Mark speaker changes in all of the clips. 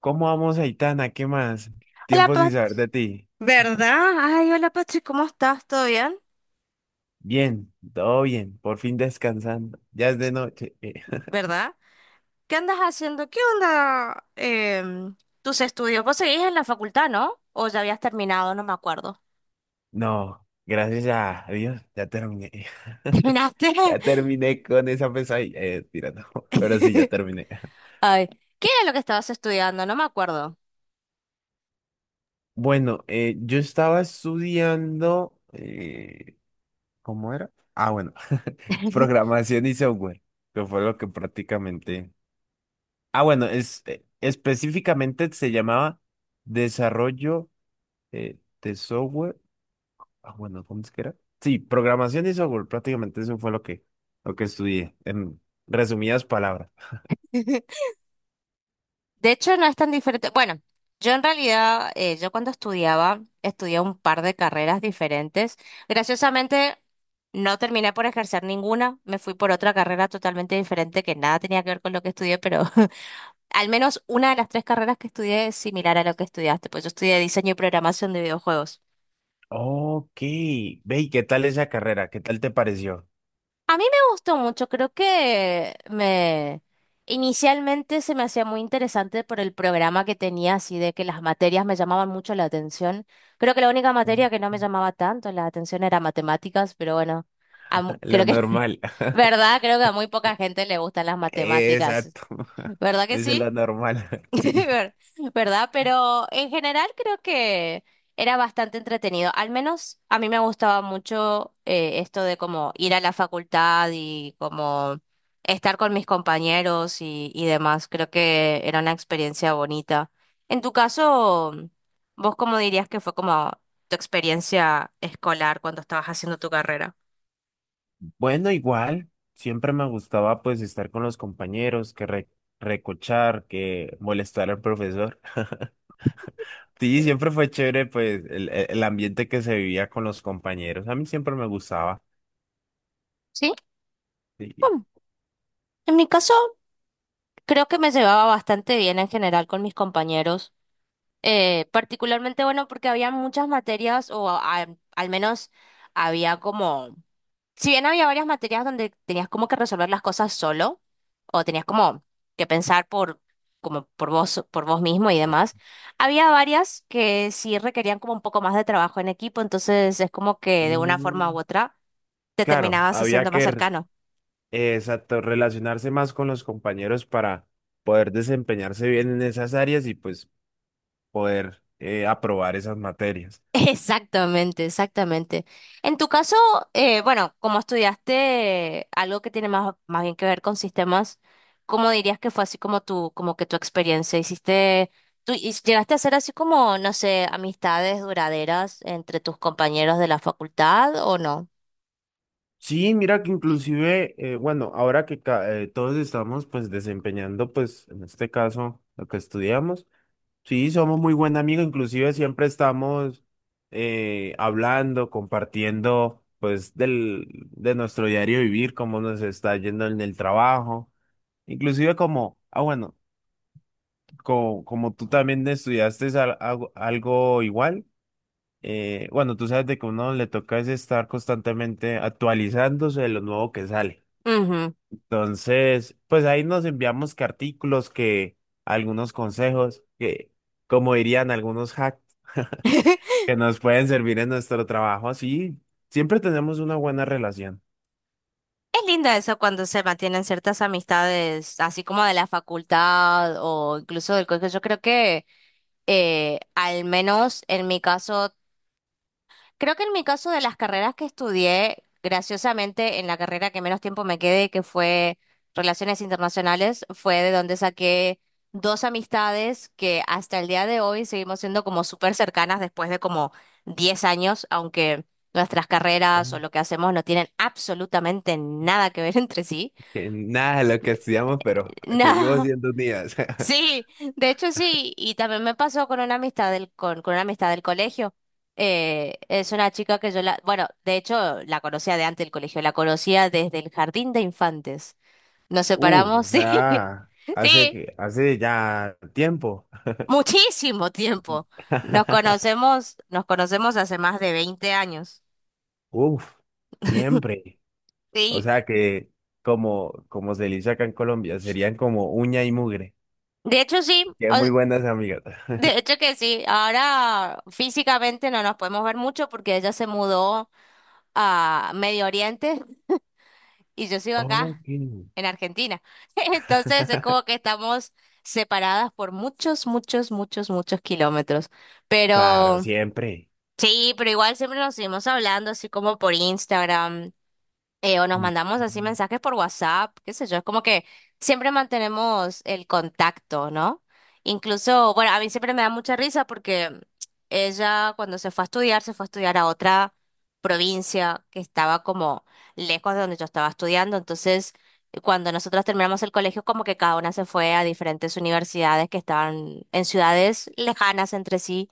Speaker 1: ¿Cómo vamos, Aitana? ¿Qué más?
Speaker 2: Hola,
Speaker 1: Tiempo sin
Speaker 2: Pat,
Speaker 1: saber de ti.
Speaker 2: ¿verdad? Ay, hola, Pachi, ¿cómo estás? ¿Todo bien?
Speaker 1: Bien, todo bien, por fin descansando. Ya es de noche.
Speaker 2: ¿Verdad? ¿Qué andas haciendo? ¿Qué onda tus estudios? Vos seguís en la facultad, ¿no? ¿O ya habías terminado? No me acuerdo.
Speaker 1: No, gracias a Dios, ya terminé.
Speaker 2: ¿Terminaste?
Speaker 1: Ya terminé con esa pesadilla. Tira, no, pero sí, ya terminé.
Speaker 2: Ay, ¿qué era lo que estabas estudiando? No me acuerdo.
Speaker 1: Bueno, yo estaba estudiando, ¿cómo era? Ah, bueno, programación y software, que fue lo que prácticamente... Ah, bueno, específicamente se llamaba desarrollo de software. Ah, bueno, ¿cómo es que era? Sí, programación y software, prácticamente eso fue lo que estudié, en resumidas palabras.
Speaker 2: De hecho, no es tan diferente. Bueno, yo en realidad, yo cuando estudiaba, estudié un par de carreras diferentes. Graciosamente, no terminé por ejercer ninguna. Me fui por otra carrera totalmente diferente que nada tenía que ver con lo que estudié, pero al menos una de las tres carreras que estudié es similar a lo que estudiaste. Pues yo estudié diseño y programación de videojuegos.
Speaker 1: Ok, ve, ¿y qué tal esa carrera? ¿Qué tal te pareció?
Speaker 2: A mí me gustó mucho, creo que me inicialmente se me hacía muy interesante por el programa que tenía, así de que las materias me llamaban mucho la atención. Creo que la única
Speaker 1: Mm.
Speaker 2: materia que no me llamaba tanto la atención era matemáticas, pero bueno,
Speaker 1: La
Speaker 2: creo que,
Speaker 1: normal.
Speaker 2: ¿verdad? Creo que a muy poca gente le gustan las matemáticas,
Speaker 1: Exacto.
Speaker 2: ¿verdad que
Speaker 1: Esa es la
Speaker 2: sí?
Speaker 1: normal. Sí.
Speaker 2: Ver- ¿Verdad? Pero en general creo que era bastante entretenido. Al menos a mí me gustaba mucho esto de como ir a la facultad y como estar con mis compañeros y demás. Creo que era una experiencia bonita. En tu caso, ¿vos cómo dirías que fue como tu experiencia escolar cuando estabas haciendo tu carrera?
Speaker 1: Bueno, igual, siempre me gustaba pues estar con los compañeros, que recochar, que molestar al profesor. Sí, siempre fue chévere pues el ambiente que se vivía con los compañeros. A mí siempre me gustaba.
Speaker 2: Sí,
Speaker 1: Sí.
Speaker 2: bueno, en mi caso creo que me llevaba bastante bien en general con mis compañeros. Particularmente bueno porque había muchas materias, o al menos había como, si bien había varias materias donde tenías como que resolver las cosas solo, o tenías como que pensar por, como por vos mismo y demás, había varias que sí requerían como un poco más de trabajo en equipo, entonces es como que de una forma u
Speaker 1: Mm,
Speaker 2: otra te
Speaker 1: claro,
Speaker 2: terminabas
Speaker 1: había
Speaker 2: haciendo
Speaker 1: que
Speaker 2: más cercano.
Speaker 1: exacto, relacionarse más con los compañeros para poder desempeñarse bien en esas áreas y pues poder aprobar esas materias.
Speaker 2: Exactamente, exactamente. En tu caso, bueno, como estudiaste algo que tiene más, más bien que ver con sistemas, ¿cómo dirías que fue así como tu, como que tu experiencia? ¿Hiciste, llegaste a hacer así como, no sé, amistades duraderas entre tus compañeros de la facultad o no?
Speaker 1: Sí, mira que inclusive, bueno, ahora que todos estamos pues desempeñando pues en este caso lo que estudiamos, sí, somos muy buen amigos, inclusive siempre estamos hablando, compartiendo pues de nuestro diario vivir, cómo nos está yendo en el trabajo, inclusive como, ah bueno, como, tú también estudiaste algo igual. Bueno, tú sabes de que uno le toca es estar constantemente actualizándose de lo nuevo que sale.
Speaker 2: Ujú.
Speaker 1: Entonces, pues ahí nos enviamos cartículos que algunos consejos que, como dirían algunos hacks, que nos pueden servir en nuestro trabajo. Así siempre tenemos una buena relación.
Speaker 2: Es lindo eso cuando se mantienen ciertas amistades, así como de la facultad o incluso del colegio. Yo creo que, al menos en mi caso, creo que en mi caso de las carreras que estudié, graciosamente en la carrera que menos tiempo me quedé, que fue Relaciones Internacionales, fue de donde saqué dos amistades que hasta el día de hoy seguimos siendo como súper cercanas después de como 10 años, aunque nuestras carreras o
Speaker 1: Oh.
Speaker 2: lo que hacemos no tienen absolutamente nada que ver entre sí.
Speaker 1: Que nada de lo que estudiamos, pero seguimos
Speaker 2: No.
Speaker 1: siendo unidas.
Speaker 2: Sí, de hecho sí, y también me pasó con una amistad con una amistad del colegio. Es una chica que yo la, bueno, de hecho la conocía de antes del colegio, la conocía desde el jardín de infantes. Nos
Speaker 1: Uh,
Speaker 2: separamos,
Speaker 1: o
Speaker 2: sí,
Speaker 1: sea, hace
Speaker 2: sí,
Speaker 1: que, hace ya tiempo.
Speaker 2: muchísimo tiempo. Nos conocemos, nos conocemos hace más de 20 años.
Speaker 1: Uf, siempre. O
Speaker 2: Sí,
Speaker 1: sea que, como se le dice acá en Colombia, serían como uña y mugre.
Speaker 2: de hecho sí,
Speaker 1: Que muy buenas amigas.
Speaker 2: de hecho que sí, ahora físicamente no nos podemos ver mucho porque ella se mudó a Medio Oriente y yo sigo acá
Speaker 1: Ok.
Speaker 2: en Argentina. Entonces es como que estamos separadas por muchos, muchos, muchos, muchos kilómetros.
Speaker 1: Claro,
Speaker 2: Pero
Speaker 1: siempre.
Speaker 2: sí, pero igual siempre nos seguimos hablando, así como por Instagram o nos
Speaker 1: Mm.
Speaker 2: mandamos así mensajes por WhatsApp, qué sé yo, es como que siempre mantenemos el contacto, ¿no? Incluso, bueno, a mí siempre me da mucha risa porque ella cuando se fue a estudiar, se fue a estudiar a otra provincia que estaba como lejos de donde yo estaba estudiando, entonces cuando nosotros terminamos el colegio, como que cada una se fue a diferentes universidades que estaban en ciudades lejanas entre sí.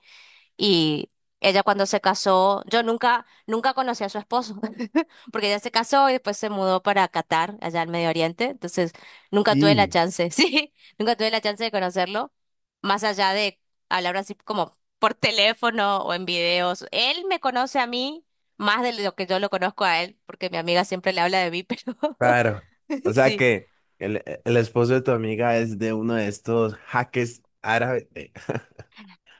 Speaker 2: Y ella cuando se casó, yo nunca, nunca conocí a su esposo, porque ella se casó y después se mudó para Qatar, allá al Medio Oriente. Entonces, nunca tuve la
Speaker 1: Y,
Speaker 2: chance, sí, nunca tuve la chance de conocerlo, más allá de hablar así como por teléfono o en videos. Él me conoce a mí más de lo que yo lo conozco a él, porque mi amiga siempre le habla de mí, pero
Speaker 1: claro. O sea
Speaker 2: sí.
Speaker 1: que el esposo de tu amiga es de uno de estos hackers árabes.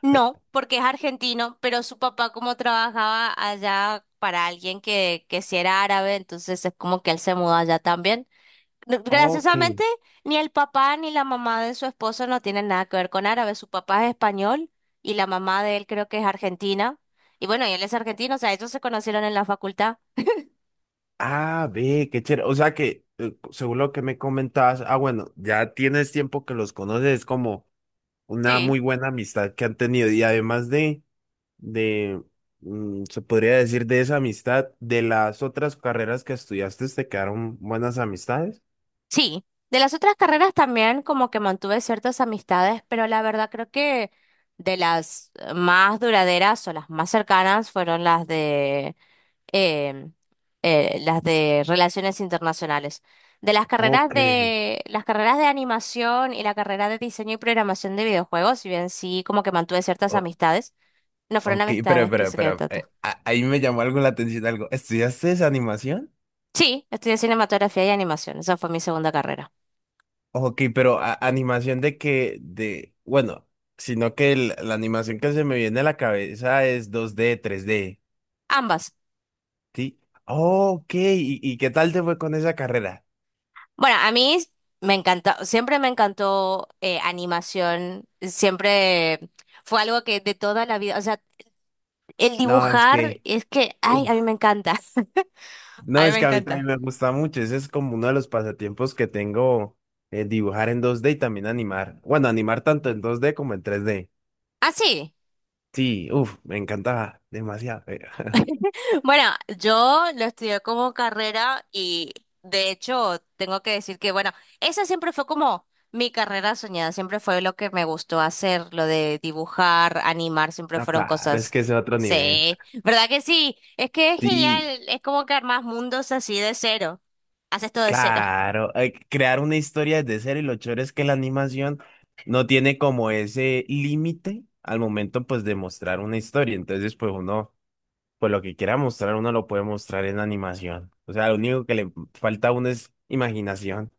Speaker 2: No, porque es argentino, pero su papá como trabajaba allá para alguien que sí era árabe, entonces es como que él se mudó allá también. No,
Speaker 1: Ok.
Speaker 2: graciosamente, ni el papá ni la mamá de su esposo no tienen nada que ver con árabe. Su papá es español y la mamá de él creo que es argentina. Y bueno, y él es argentino, o sea, ellos se conocieron en la facultad.
Speaker 1: Ah, ve, qué chévere. O sea que, según lo que me comentabas, ah, bueno, ya tienes tiempo que los conoces, es como una
Speaker 2: Sí,
Speaker 1: muy buena amistad que han tenido. Y además de, se podría decir de esa amistad, de las otras carreras que estudiaste, ¿te quedaron buenas amistades?
Speaker 2: sí, de las otras carreras también como que mantuve ciertas amistades, pero la verdad creo que de las más duraderas o las más cercanas fueron em, las de relaciones internacionales. De las carreras
Speaker 1: Ok,
Speaker 2: de las carreras de animación y la carrera de diseño y programación de videojuegos, si bien sí como que mantuve ciertas
Speaker 1: o-
Speaker 2: amistades, no fueron amistades que se quedan tanto.
Speaker 1: ahí me llamó algo la atención, algo. ¿Estudiaste esa animación?
Speaker 2: Sí, estudié cinematografía y animación, esa fue mi segunda carrera.
Speaker 1: Ok, pero animación bueno, sino que la animación que se me viene a la cabeza es 2D 3D
Speaker 2: Ambas.
Speaker 1: ¿sí? Ok, ¿y qué tal te fue con esa carrera?
Speaker 2: Bueno, a mí me encanta, siempre me encantó animación, siempre fue algo que de toda la vida, o sea, el
Speaker 1: No, es
Speaker 2: dibujar
Speaker 1: que,
Speaker 2: es que, ay, a
Speaker 1: uf,
Speaker 2: mí me encanta. A
Speaker 1: no,
Speaker 2: mí
Speaker 1: es
Speaker 2: me
Speaker 1: que a mí también
Speaker 2: encanta.
Speaker 1: me gusta mucho, ese es como uno de los pasatiempos que tengo, dibujar en 2D y también animar tanto en 2D como en 3D
Speaker 2: Ah, sí.
Speaker 1: Sí, uff, me encantaba demasiado.
Speaker 2: Bueno, yo lo estudié como carrera y de hecho tengo que decir que, bueno, esa siempre fue como mi carrera soñada, siempre fue lo que me gustó hacer, lo de dibujar, animar, siempre
Speaker 1: No,
Speaker 2: fueron
Speaker 1: claro, es
Speaker 2: cosas,
Speaker 1: que es otro nivel.
Speaker 2: sí, ¿verdad que sí? Es que es
Speaker 1: Sí,
Speaker 2: genial, es como que armas mundos así de cero, haces todo de cero.
Speaker 1: claro, crear una historia desde cero y lo chévere es que la animación no tiene como ese límite al momento pues de mostrar una historia. Entonces pues uno, pues lo que quiera mostrar uno lo puede mostrar en animación. O sea, lo único que le falta a uno es imaginación.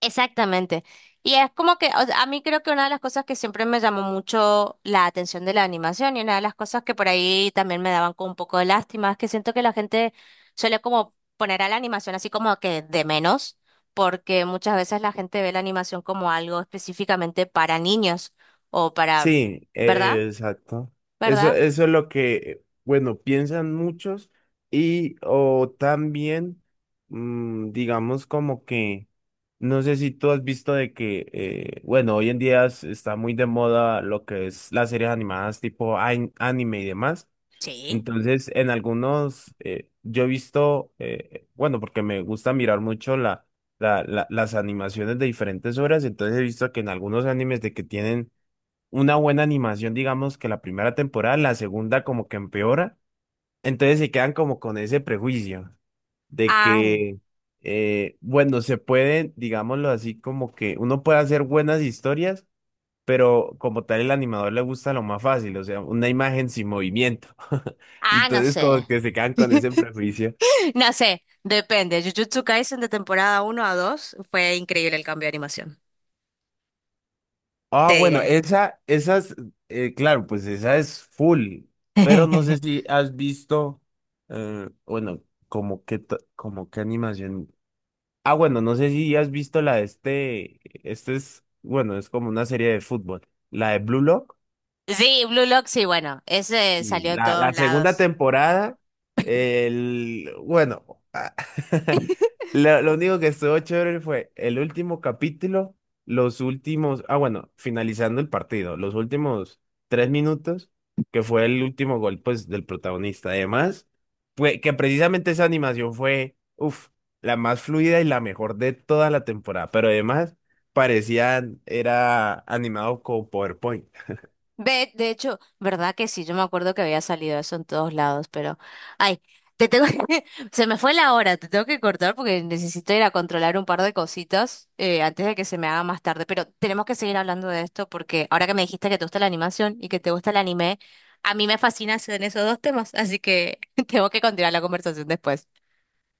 Speaker 2: Exactamente. Y es como que, o sea, a mí creo que una de las cosas que siempre me llamó mucho la atención de la animación y una de las cosas que por ahí también me daban como un poco de lástima es que siento que la gente suele como poner a la animación así como que de menos, porque muchas veces la gente ve la animación como algo específicamente para niños o para,
Speaker 1: Sí,
Speaker 2: ¿verdad?
Speaker 1: exacto. Eso,
Speaker 2: ¿Verdad?
Speaker 1: eso es lo que, bueno, piensan muchos y o también, digamos como que, no sé si tú has visto de que, bueno, hoy en día está muy de moda lo que es las series animadas tipo anime y demás.
Speaker 2: Sí.
Speaker 1: Entonces, en algunos, yo he visto, bueno, porque me gusta mirar mucho las animaciones de diferentes obras, entonces he visto que en algunos animes de que tienen una buena animación, digamos, que la primera temporada, la segunda como que empeora. Entonces se quedan como con ese prejuicio de
Speaker 2: Ah, n-
Speaker 1: que, bueno, se pueden, digámoslo así, como que uno puede hacer buenas historias, pero como tal el animador le gusta lo más fácil, o sea, una imagen sin movimiento.
Speaker 2: ah, no
Speaker 1: Entonces
Speaker 2: sé.
Speaker 1: como que se quedan con ese prejuicio.
Speaker 2: No sé, depende. Jujutsu Kaisen de temporada uno a 2 fue increíble el cambio de animación.
Speaker 1: Ah,
Speaker 2: Te
Speaker 1: bueno,
Speaker 2: diré.
Speaker 1: esas, claro, pues esa es full, pero no sé si has visto, bueno, como que, como que animación. Ah, bueno, no sé si has visto la de este, este es, bueno, es como una serie de fútbol, la de Blue Lock.
Speaker 2: Sí, Blue Lock, sí, bueno, ese
Speaker 1: Sí,
Speaker 2: salió en
Speaker 1: la
Speaker 2: todos
Speaker 1: segunda
Speaker 2: lados.
Speaker 1: temporada, bueno, lo único que estuvo chévere fue el último capítulo, los últimos, ah, bueno, finalizando el partido, los últimos 3 minutos, que fue el último gol, pues, del protagonista. Además, fue que precisamente esa animación fue, uff, la más fluida y la mejor de toda la temporada, pero además parecían, era animado con PowerPoint.
Speaker 2: Ve, de hecho, ¿verdad que sí? Yo me acuerdo que había salido eso en todos lados, pero, ay, te tengo que- se me fue la hora, te tengo que cortar porque necesito ir a controlar un par de cositas antes de que se me haga más tarde, pero tenemos que seguir hablando de esto porque ahora que me dijiste que te gusta la animación y que te gusta el anime, a mí me fascina en esos dos temas, así que tengo que continuar la conversación después.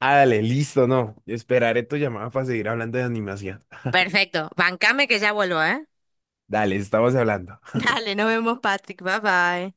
Speaker 1: Ah, dale, listo, no. Esperaré tu llamada para seguir hablando de animación.
Speaker 2: Perfecto, bancame que ya vuelvo, ¿eh?
Speaker 1: Dale, estamos hablando.
Speaker 2: Dale, nos vemos, Patrick. Bye bye.